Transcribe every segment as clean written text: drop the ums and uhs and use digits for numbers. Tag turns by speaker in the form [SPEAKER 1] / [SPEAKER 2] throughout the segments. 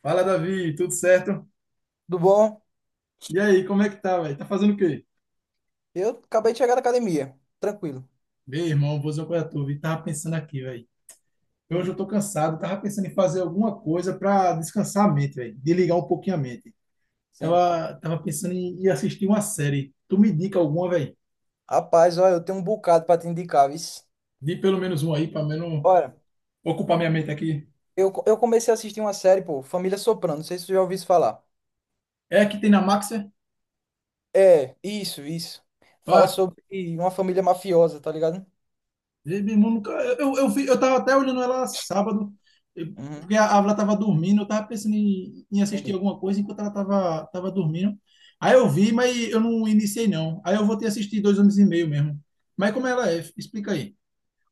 [SPEAKER 1] Fala, Davi, tudo certo?
[SPEAKER 2] Tudo bom?
[SPEAKER 1] E aí, como é que tá, velho? Tá fazendo o quê?
[SPEAKER 2] Eu acabei de chegar da academia. Tranquilo.
[SPEAKER 1] Meu irmão, vou dizer uma coisa a tu, vi. Tava pensando aqui, velho. Hoje
[SPEAKER 2] Hum,
[SPEAKER 1] eu tô cansado, tava pensando em fazer alguma coisa pra descansar a mente, velho. Desligar um pouquinho a mente.
[SPEAKER 2] sim.
[SPEAKER 1] Tava pensando em assistir uma série. Tu me indica alguma, velho?
[SPEAKER 2] Rapaz, olha, eu tenho um bocado pra te indicar, vice.
[SPEAKER 1] Di pelo menos uma aí, pra menos
[SPEAKER 2] Olha,
[SPEAKER 1] ocupar minha mente aqui.
[SPEAKER 2] eu comecei a assistir uma série, pô, Família Soprano. Não sei se tu já ouviu isso falar.
[SPEAKER 1] É a que tem na Max, é?
[SPEAKER 2] É, isso. Fala sobre uma família mafiosa, tá ligado?
[SPEAKER 1] Meu irmão, eu tava até olhando ela sábado, eh,
[SPEAKER 2] Uhum,
[SPEAKER 1] porque a Ávila tava dormindo, eu tava pensando em assistir
[SPEAKER 2] entendi.
[SPEAKER 1] alguma coisa enquanto ela tava dormindo. Aí eu vi, mas eu não iniciei não. Aí eu vou ter assistido dois homens e meio mesmo. Mas como ela é? Explica aí.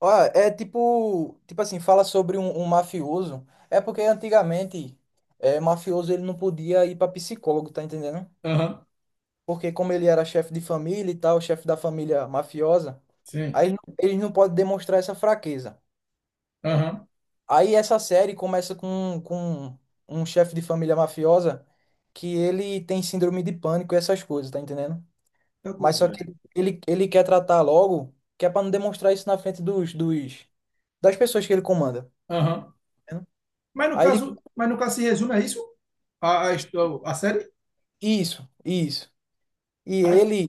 [SPEAKER 2] Olha, é tipo, tipo assim, fala sobre um mafioso. É porque antigamente, é, mafioso ele não podia ir pra psicólogo, tá entendendo?
[SPEAKER 1] Aham,
[SPEAKER 2] Porque como ele era chefe de família e tal, chefe da família mafiosa.
[SPEAKER 1] sim.
[SPEAKER 2] Aí eles não podem demonstrar essa fraqueza.
[SPEAKER 1] Aham.
[SPEAKER 2] Aí essa série começa com um chefe de família mafiosa que ele tem síndrome de pânico e essas coisas, tá entendendo?
[SPEAKER 1] Tá
[SPEAKER 2] Mas só
[SPEAKER 1] doideira.
[SPEAKER 2] que ele quer tratar logo, que é pra não demonstrar isso na frente dos das pessoas que ele comanda.
[SPEAKER 1] Aham.
[SPEAKER 2] Tá entendendo?
[SPEAKER 1] Mas no
[SPEAKER 2] Aí ele.
[SPEAKER 1] caso, mas no caso se resume a isso? A série?
[SPEAKER 2] Isso, isso. E
[SPEAKER 1] Ai,
[SPEAKER 2] ele,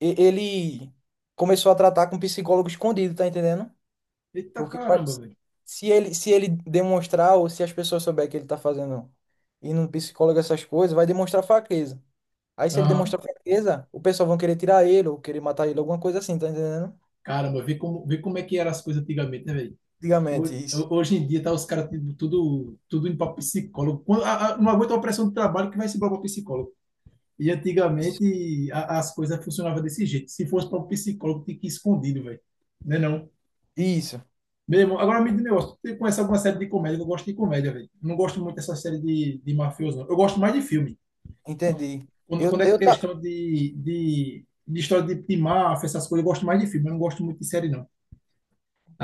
[SPEAKER 2] e- ele começou a tratar com psicólogo escondido, tá entendendo?
[SPEAKER 1] eita
[SPEAKER 2] Porque pode-
[SPEAKER 1] caramba, velho.
[SPEAKER 2] se ele, se ele demonstrar ou se as pessoas souberem que ele tá fazendo indo num psicólogo essas coisas, vai demonstrar fraqueza. Aí se ele
[SPEAKER 1] Aham.
[SPEAKER 2] demonstrar fraqueza, o pessoal vão querer tirar ele ou querer matar ele, alguma coisa assim, tá entendendo?
[SPEAKER 1] Caramba, vê como é que eram as coisas antigamente, né, velho?
[SPEAKER 2] Antigamente,
[SPEAKER 1] Ho-
[SPEAKER 2] isso.
[SPEAKER 1] Hoje em dia tá os caras tudo, tudo indo para psicólogo. Não aguenta a pressão do trabalho que vai se para psicólogo. E
[SPEAKER 2] Isso,
[SPEAKER 1] antigamente as coisas funcionavam desse jeito. Se fosse para o psicólogo, tinha que ir escondido, velho. Né não?
[SPEAKER 2] Isso,
[SPEAKER 1] Mesmo, agora me diz um negócio. Tu conhece alguma série de comédia? Eu gosto de comédia, velho. Eu não gosto muito dessa série de mafioso, não. Eu gosto mais de filme.
[SPEAKER 2] entendi.
[SPEAKER 1] Quando, quando é
[SPEAKER 2] Eu tá,
[SPEAKER 1] questão de história de máfia, essas coisas, eu gosto mais de filme. Eu não gosto muito de série, não.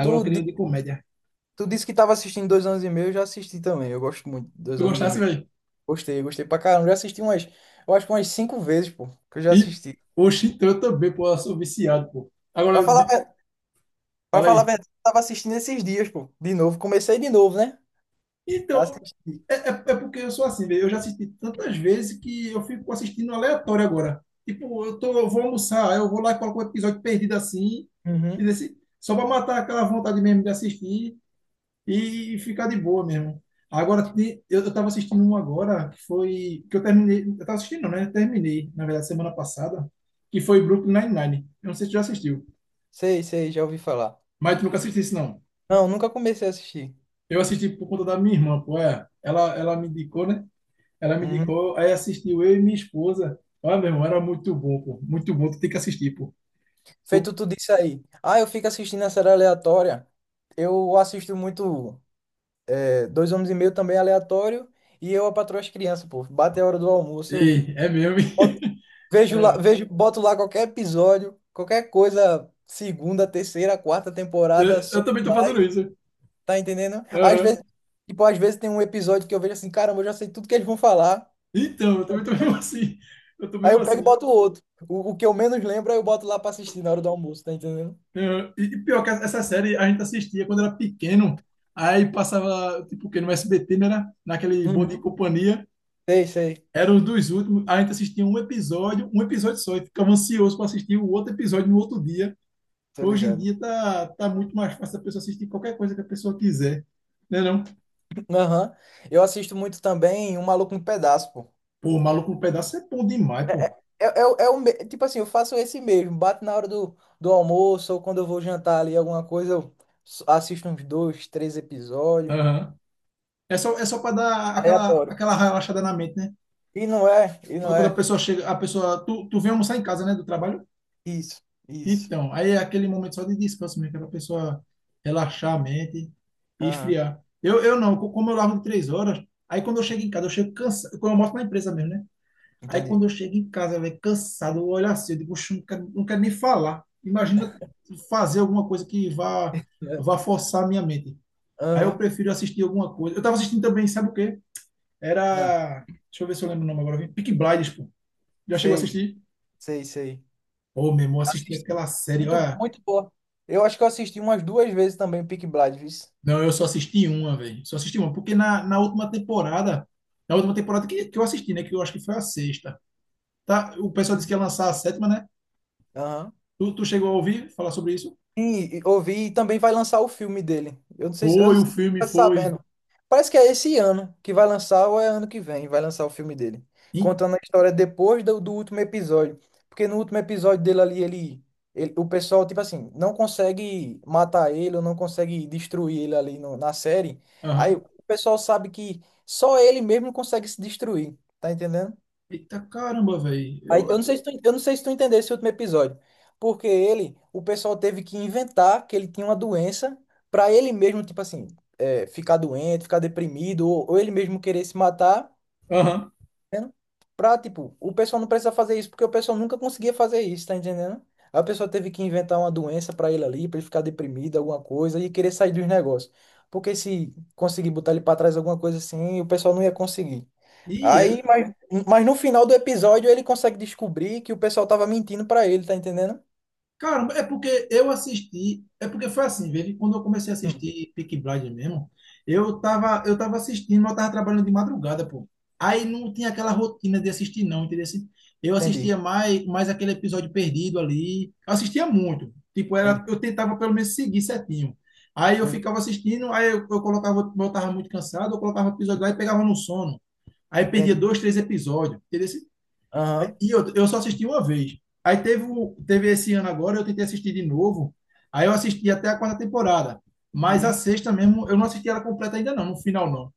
[SPEAKER 2] tu,
[SPEAKER 1] eu queria
[SPEAKER 2] di-
[SPEAKER 1] uma de comédia.
[SPEAKER 2] tu disse que tava assistindo Dois Anos e Meio, eu já assisti também. Eu gosto muito de
[SPEAKER 1] Tu
[SPEAKER 2] Dois Anos e
[SPEAKER 1] gostasse,
[SPEAKER 2] Meio.
[SPEAKER 1] velho?
[SPEAKER 2] Gostei, gostei pra caramba. Já assisti umas, eu acho que umas cinco vezes, pô, que eu já
[SPEAKER 1] E,
[SPEAKER 2] assisti.
[SPEAKER 1] oxe, então também, pô, eu sou viciado, pô.
[SPEAKER 2] Pra
[SPEAKER 1] Agora,
[SPEAKER 2] falar, a ver- pra
[SPEAKER 1] fala
[SPEAKER 2] falar a
[SPEAKER 1] aí.
[SPEAKER 2] verdade, eu tava assistindo esses dias, pô, de novo. Comecei de novo, né?
[SPEAKER 1] Então,
[SPEAKER 2] Assisti.
[SPEAKER 1] é porque eu sou assim, velho. Eu já assisti tantas vezes que eu fico assistindo aleatório agora. Tipo, eu vou almoçar, aí eu vou lá e coloco um episódio perdido assim, e
[SPEAKER 2] Uhum.
[SPEAKER 1] desse só pra matar aquela vontade mesmo de assistir e ficar de boa mesmo. Agora, eu tava assistindo um agora, que foi, que eu terminei, eu tava assistindo, não, né? Eu terminei, na verdade, semana passada, que foi Brooklyn Nine-Nine. Eu não sei se tu já assistiu,
[SPEAKER 2] Sei, sei, já ouvi falar.
[SPEAKER 1] mas tu nunca assististe, não.
[SPEAKER 2] Não, nunca comecei a assistir.
[SPEAKER 1] Eu assisti por conta da minha irmã, pô, é. Ela me indicou, né? Ela me
[SPEAKER 2] Uhum.
[SPEAKER 1] indicou, aí assistiu eu e minha esposa. Olha, meu irmão, era muito bom, pô. Muito bom, tu tem que assistir, pô.
[SPEAKER 2] Feito
[SPEAKER 1] Pô,
[SPEAKER 2] tudo isso aí. Ah, eu fico assistindo a série aleatória. Eu assisto muito é, Dois Homens e Meio também é aleatório. E eu, a Patroa e as Crianças, pô. Bate a hora do almoço. Eu
[SPEAKER 1] ei, é mesmo, hein?
[SPEAKER 2] boto- vejo lá,
[SPEAKER 1] É.
[SPEAKER 2] vejo, boto lá qualquer episódio, qualquer coisa, segunda, terceira, quarta temporada,
[SPEAKER 1] Eu,
[SPEAKER 2] só
[SPEAKER 1] eu também tô
[SPEAKER 2] lá,
[SPEAKER 1] fazendo isso.
[SPEAKER 2] tá entendendo? Às vezes,
[SPEAKER 1] Aham.
[SPEAKER 2] tipo, às vezes tem um episódio que eu vejo assim, caramba, eu já sei tudo que eles vão falar.
[SPEAKER 1] Então, eu também tô mesmo assim. Eu tô
[SPEAKER 2] Aí
[SPEAKER 1] mesmo
[SPEAKER 2] eu pego e
[SPEAKER 1] assim.
[SPEAKER 2] boto outro. O que eu menos lembro, aí eu boto lá pra assistir na hora do almoço, tá entendendo?
[SPEAKER 1] Aham. E pior que essa série a gente assistia quando era pequeno. Aí passava, tipo, que no SBT, né, era? Naquele Bom Dia e
[SPEAKER 2] Uhum.
[SPEAKER 1] Companhia.
[SPEAKER 2] Sei, sei.
[SPEAKER 1] Era um dos últimos. A gente assistia um episódio só, e ficava ansioso para assistir o outro episódio no outro dia.
[SPEAKER 2] Tô
[SPEAKER 1] Hoje em
[SPEAKER 2] ligado.
[SPEAKER 1] dia tá muito mais fácil a pessoa assistir qualquer coisa que a pessoa quiser. Né não?
[SPEAKER 2] Aham. Eu assisto muito também Um Maluco no Pedaço, pô.
[SPEAKER 1] Pô, Maluco no Pedaço é bom demais, pô.
[SPEAKER 2] Tipo assim, eu faço esse mesmo. Bato na hora do, do almoço ou quando eu vou jantar ali alguma coisa, eu assisto uns dois, três episódios.
[SPEAKER 1] Aham. É só para dar aquela,
[SPEAKER 2] Aleatório.
[SPEAKER 1] aquela relaxada na mente, né?
[SPEAKER 2] E não é, e
[SPEAKER 1] Quando,
[SPEAKER 2] não
[SPEAKER 1] quando a
[SPEAKER 2] é.
[SPEAKER 1] pessoa chega, a pessoa. Tu vem almoçar em casa, né? Do trabalho?
[SPEAKER 2] Isso, isso.
[SPEAKER 1] Então, aí é aquele momento só de descanso mesmo, que é pra pessoa relaxar a mente e
[SPEAKER 2] Aham,
[SPEAKER 1] esfriar. Eu não, como eu largo de três horas, aí quando eu chego em casa, eu chego cansado. Quando eu mostro na empresa mesmo, né? Aí quando
[SPEAKER 2] entendi.
[SPEAKER 1] eu chego em casa, velho, cansado, eu olho assim, eu digo: "Oxe, não quero nem falar. Imagina fazer alguma coisa que vá,
[SPEAKER 2] É.
[SPEAKER 1] vá forçar a minha mente." Aí eu
[SPEAKER 2] Aham,
[SPEAKER 1] prefiro assistir alguma coisa. Eu tava assistindo também, sabe o quê?
[SPEAKER 2] ah,
[SPEAKER 1] Era. Deixa eu ver se eu lembro o nome agora. Peaky Blinders, pô. Já chegou a
[SPEAKER 2] sei,
[SPEAKER 1] assistir?
[SPEAKER 2] sei, sei.
[SPEAKER 1] Ô, meu irmão, eu assisti
[SPEAKER 2] Assisti.
[SPEAKER 1] aquela série.
[SPEAKER 2] Muito,
[SPEAKER 1] Olha,
[SPEAKER 2] muito boa. Eu acho que eu assisti umas duas vezes também Peaky Blinders.
[SPEAKER 1] não, eu só assisti uma, velho. Só assisti uma. Porque na última temporada. Na última temporada que eu assisti, né? Que eu acho que foi a sexta. Tá? O pessoal disse que ia lançar a sétima, né?
[SPEAKER 2] Aham.
[SPEAKER 1] Tu chegou a ouvir falar sobre isso?
[SPEAKER 2] E ouvi e também vai lançar o filme dele. Eu não
[SPEAKER 1] Foi, o
[SPEAKER 2] sei se você
[SPEAKER 1] filme
[SPEAKER 2] tá
[SPEAKER 1] foi.
[SPEAKER 2] sabendo. Parece que é esse ano que vai lançar ou é ano que vem, vai lançar o filme dele.
[SPEAKER 1] E-
[SPEAKER 2] Contando a história depois do, do último episódio. Porque no último episódio dele ali, o pessoal, tipo assim, não consegue matar ele ou não consegue destruir ele ali no- na série. Aí
[SPEAKER 1] Aham.
[SPEAKER 2] o pessoal sabe que só ele mesmo consegue se destruir. Tá entendendo?
[SPEAKER 1] Eita caramba, velho.
[SPEAKER 2] Aí,
[SPEAKER 1] Eu.
[SPEAKER 2] eu não sei se tu entendeu esse último episódio. Porque ele, o pessoal teve que inventar que ele tinha uma doença pra ele mesmo, tipo assim, é, ficar doente, ficar deprimido, ou ele mesmo querer se matar,
[SPEAKER 1] Aham.
[SPEAKER 2] né? Pra, tipo, o pessoal não precisa fazer isso, porque o pessoal nunca conseguia fazer isso, tá entendendo? Aí o pessoal teve que inventar uma doença pra ele ali, pra ele ficar deprimido, alguma coisa, e querer sair dos negócios. Porque se conseguir botar ele pra trás alguma coisa assim, o pessoal não ia conseguir.
[SPEAKER 1] Ih,
[SPEAKER 2] Aí,
[SPEAKER 1] era.
[SPEAKER 2] mas no final do episódio ele consegue descobrir que o pessoal tava mentindo pra ele, tá entendendo?
[SPEAKER 1] Caramba, é porque eu assisti. É porque foi assim, velho. Quando eu comecei a
[SPEAKER 2] Hum,
[SPEAKER 1] assistir Peaky Blinders mesmo, eu tava assistindo, mas eu tava trabalhando de madrugada, pô. Aí não tinha aquela rotina de assistir, não, entendeu? Assim, eu
[SPEAKER 2] entendi,
[SPEAKER 1] assistia mais aquele episódio perdido ali. Eu assistia muito. Tipo,
[SPEAKER 2] entendi.
[SPEAKER 1] era, eu tentava pelo menos seguir certinho. Aí eu
[SPEAKER 2] Uhum,
[SPEAKER 1] ficava assistindo, aí eu colocava, eu tava muito cansado, eu colocava o episódio lá e pegava no sono. Aí perdia
[SPEAKER 2] entendi.
[SPEAKER 1] dois, três episódios, entendeu? Assim,
[SPEAKER 2] Aham.
[SPEAKER 1] e eu só assisti uma vez. Aí teve esse ano agora, eu tentei assistir de novo. Aí eu assisti até a quarta temporada. Mas a
[SPEAKER 2] Uhum.
[SPEAKER 1] sexta mesmo, eu não assisti ela completa ainda não, no final não.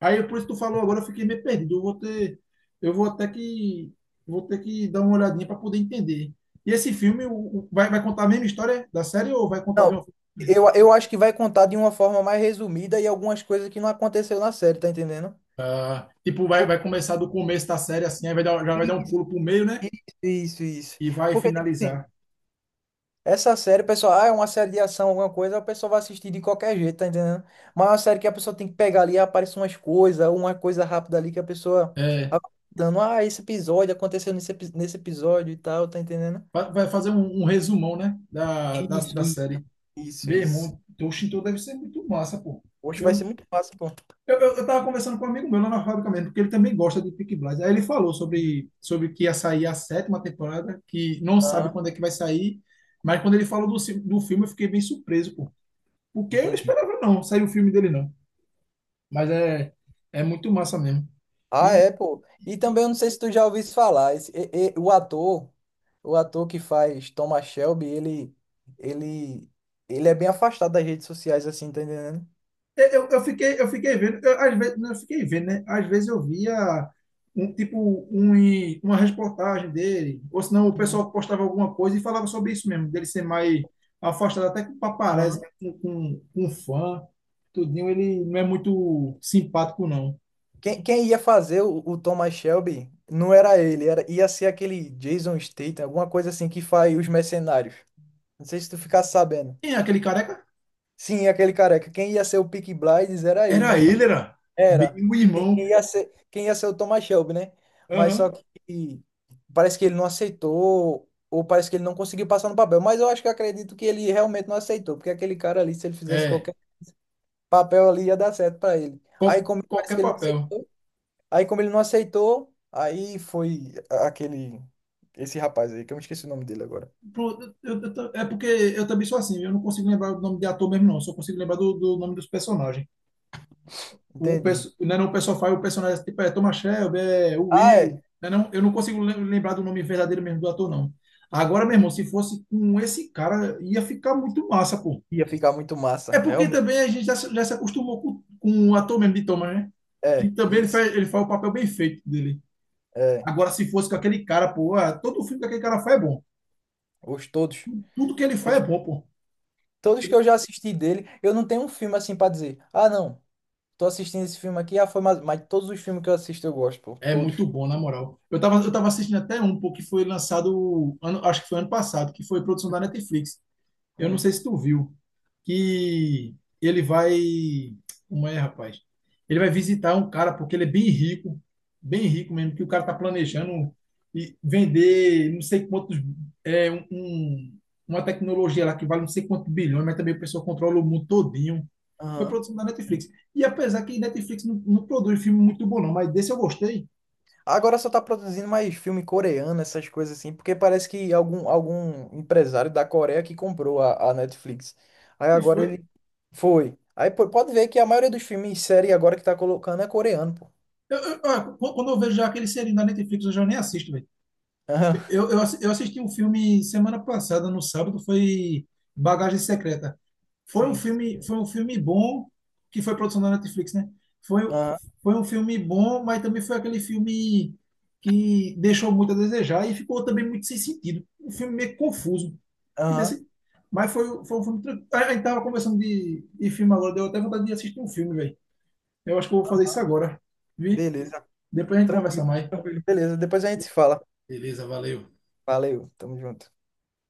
[SPEAKER 1] Aí por isso que tu falou agora, eu fiquei meio perdido. Eu vou ter, eu vou até que, vou ter que dar uma olhadinha para poder entender. E esse filme vai contar a mesma história da série ou vai contar de
[SPEAKER 2] Não,
[SPEAKER 1] uma forma?
[SPEAKER 2] eu acho que vai contar de uma forma mais resumida e algumas coisas que não aconteceu na série, tá entendendo?
[SPEAKER 1] Ah, tipo, vai,
[SPEAKER 2] Por-
[SPEAKER 1] vai começar do começo da série assim, aí vai dar, já vai dar um
[SPEAKER 2] isso,
[SPEAKER 1] pulo pro meio, né?
[SPEAKER 2] isso, isso. Isso.
[SPEAKER 1] E vai
[SPEAKER 2] Porque, tipo assim,
[SPEAKER 1] finalizar.
[SPEAKER 2] essa série, o pessoal, ah, é uma série de ação, alguma coisa, o pessoal vai assistir de qualquer jeito, tá entendendo? Mas é uma série que a pessoa tem que pegar ali, aparece umas coisas, uma coisa rápida ali que a pessoa vai dando, ah, esse episódio aconteceu nesse, epi- nesse episódio e tal, tá entendendo?
[SPEAKER 1] Vai fazer um resumão, né? Da, da,
[SPEAKER 2] Isso,
[SPEAKER 1] da
[SPEAKER 2] isso.
[SPEAKER 1] série.
[SPEAKER 2] Isso,
[SPEAKER 1] Meu
[SPEAKER 2] isso.
[SPEAKER 1] irmão, o Shinto deve ser muito massa, pô.
[SPEAKER 2] Hoje
[SPEAKER 1] Eu,
[SPEAKER 2] vai ser muito fácil, pô.
[SPEAKER 1] eu tava conversando com um amigo meu lá na fábrica mesmo, porque ele também gosta de Peaky Blinders. Aí ele falou sobre que ia sair a sétima temporada, que não sabe
[SPEAKER 2] Aham,
[SPEAKER 1] quando é que vai sair, mas quando ele falou do filme eu fiquei bem surpreso, pô. Porque eu não
[SPEAKER 2] entendi.
[SPEAKER 1] esperava não, sair o filme dele não. Mas é muito massa mesmo.
[SPEAKER 2] Ah, é, pô. E também eu não sei se tu já ouviu isso falar. Esse, e- o ator que faz Thomas Shelby, ele, ele é bem afastado das redes sociais, assim, tá entendendo?
[SPEAKER 1] Eu fiquei vendo, eu, às vezes, não, eu fiquei vendo, né? Às vezes eu via um tipo uma reportagem dele, ou senão o pessoal postava alguma coisa e falava sobre isso mesmo, dele ser mais afastado até com paparazzi,
[SPEAKER 2] Aham.
[SPEAKER 1] né? com fã, tudinho, ele não é muito simpático, não.
[SPEAKER 2] Quem ia fazer o Thomas Shelby não era ele, era, ia ser aquele Jason Statham, alguma coisa assim que faz os mercenários. Não sei se tu ficasse sabendo.
[SPEAKER 1] Quem é aquele careca?
[SPEAKER 2] Sim, aquele careca. Quem ia ser o Peaky Blinders era ele,
[SPEAKER 1] Era
[SPEAKER 2] mas pa-
[SPEAKER 1] ele, era
[SPEAKER 2] era.
[SPEAKER 1] bem o
[SPEAKER 2] Quem,
[SPEAKER 1] irmão.
[SPEAKER 2] quem ia ser, quem ia ser o Thomas Shelby, né? Mas só
[SPEAKER 1] Aham.
[SPEAKER 2] que parece que ele não aceitou, ou parece que ele não conseguiu passar no papel. Mas eu acho que eu acredito que ele realmente não aceitou, porque aquele cara ali, se ele fizesse
[SPEAKER 1] É,
[SPEAKER 2] qualquer papel ali, ia dar certo pra ele. Aí,
[SPEAKER 1] qual-
[SPEAKER 2] como parece
[SPEAKER 1] qualquer
[SPEAKER 2] que ele não
[SPEAKER 1] papel.
[SPEAKER 2] aceitou. Aí, como ele não aceitou, aí foi a- aquele. Esse rapaz aí, que eu me esqueci o nome dele agora.
[SPEAKER 1] Pronto, é porque eu também sou assim, eu não consigo lembrar o nome de ator mesmo, não, só consigo lembrar do nome dos personagens. o,
[SPEAKER 2] Entendi.
[SPEAKER 1] perso- não é não, o pessoal faz o personagem tipo é Thomas Shelby, é o
[SPEAKER 2] Ah, é.
[SPEAKER 1] Will. Não é não, eu não consigo lembrar do nome verdadeiro mesmo do ator, não. Agora, meu irmão, se fosse com esse cara, ia ficar muito massa, pô.
[SPEAKER 2] Ia ficar muito
[SPEAKER 1] É
[SPEAKER 2] massa,
[SPEAKER 1] porque
[SPEAKER 2] realmente.
[SPEAKER 1] também a gente já, já se acostumou com o ator mesmo de Thomas, né? Que
[SPEAKER 2] É,
[SPEAKER 1] também ele
[SPEAKER 2] isso.
[SPEAKER 1] faz, ele faz o papel bem feito dele.
[SPEAKER 2] É.
[SPEAKER 1] Agora, se fosse com aquele cara, pô, ah, todo filme que aquele cara faz é bom.
[SPEAKER 2] Os todos.
[SPEAKER 1] Tudo que ele faz é
[SPEAKER 2] Todos,
[SPEAKER 1] bom, pô.
[SPEAKER 2] todos que eu já assisti dele, eu não tenho um filme assim pra dizer. Ah, não. Tô assistindo esse filme aqui, ah, foi mais. Mas todos os filmes que eu assisto eu gosto, pô.
[SPEAKER 1] É
[SPEAKER 2] Todos.
[SPEAKER 1] muito bom, na moral. Eu tava assistindo até um, pô, que foi lançado, ano, acho que foi ano passado, que foi produção da Netflix. Eu não
[SPEAKER 2] Hum.
[SPEAKER 1] sei se tu viu que ele vai. Como é, rapaz? Ele vai visitar um cara porque ele é bem rico mesmo, que o cara tá planejando e vender não sei quantos. É, um, uma tecnologia lá que vale não sei quantos bilhões, mas também o pessoal controla o mundo todinho. Foi
[SPEAKER 2] Aham.
[SPEAKER 1] produção da Netflix. E apesar que Netflix não produz filme muito bom, não, mas desse eu gostei.
[SPEAKER 2] Agora só tá produzindo mais filme coreano, essas coisas assim, porque parece que algum empresário da Coreia que comprou a Netflix. Aí
[SPEAKER 1] E
[SPEAKER 2] agora
[SPEAKER 1] foi.
[SPEAKER 2] ele foi. Aí pô, pode ver que a maioria dos filmes e série agora que tá colocando é coreano, pô.
[SPEAKER 1] Ó, quando eu vejo já aquele serinho da Netflix, eu já nem assisto.
[SPEAKER 2] Aham,
[SPEAKER 1] Eu assisti um filme semana passada, no sábado, foi Bagagem Secreta. Foi um
[SPEAKER 2] sim.
[SPEAKER 1] filme, foi um filme bom, que foi produção da Netflix, né? Foi,
[SPEAKER 2] Aham,
[SPEAKER 1] foi um filme bom, mas também foi aquele filme que deixou muito a desejar e ficou também muito sem sentido. Um filme meio confuso. Entendeu?
[SPEAKER 2] aham.
[SPEAKER 1] Assim, mas foi um filme. A gente tava conversando de filme agora, deu até vontade de assistir um filme, velho. Eu acho que eu vou fazer isso agora, vi?
[SPEAKER 2] Beleza.
[SPEAKER 1] Depois a gente conversa
[SPEAKER 2] Tranquilo,
[SPEAKER 1] mais.
[SPEAKER 2] tranquilo. Beleza, depois a gente se fala.
[SPEAKER 1] Beleza, valeu.
[SPEAKER 2] Valeu, tamo junto.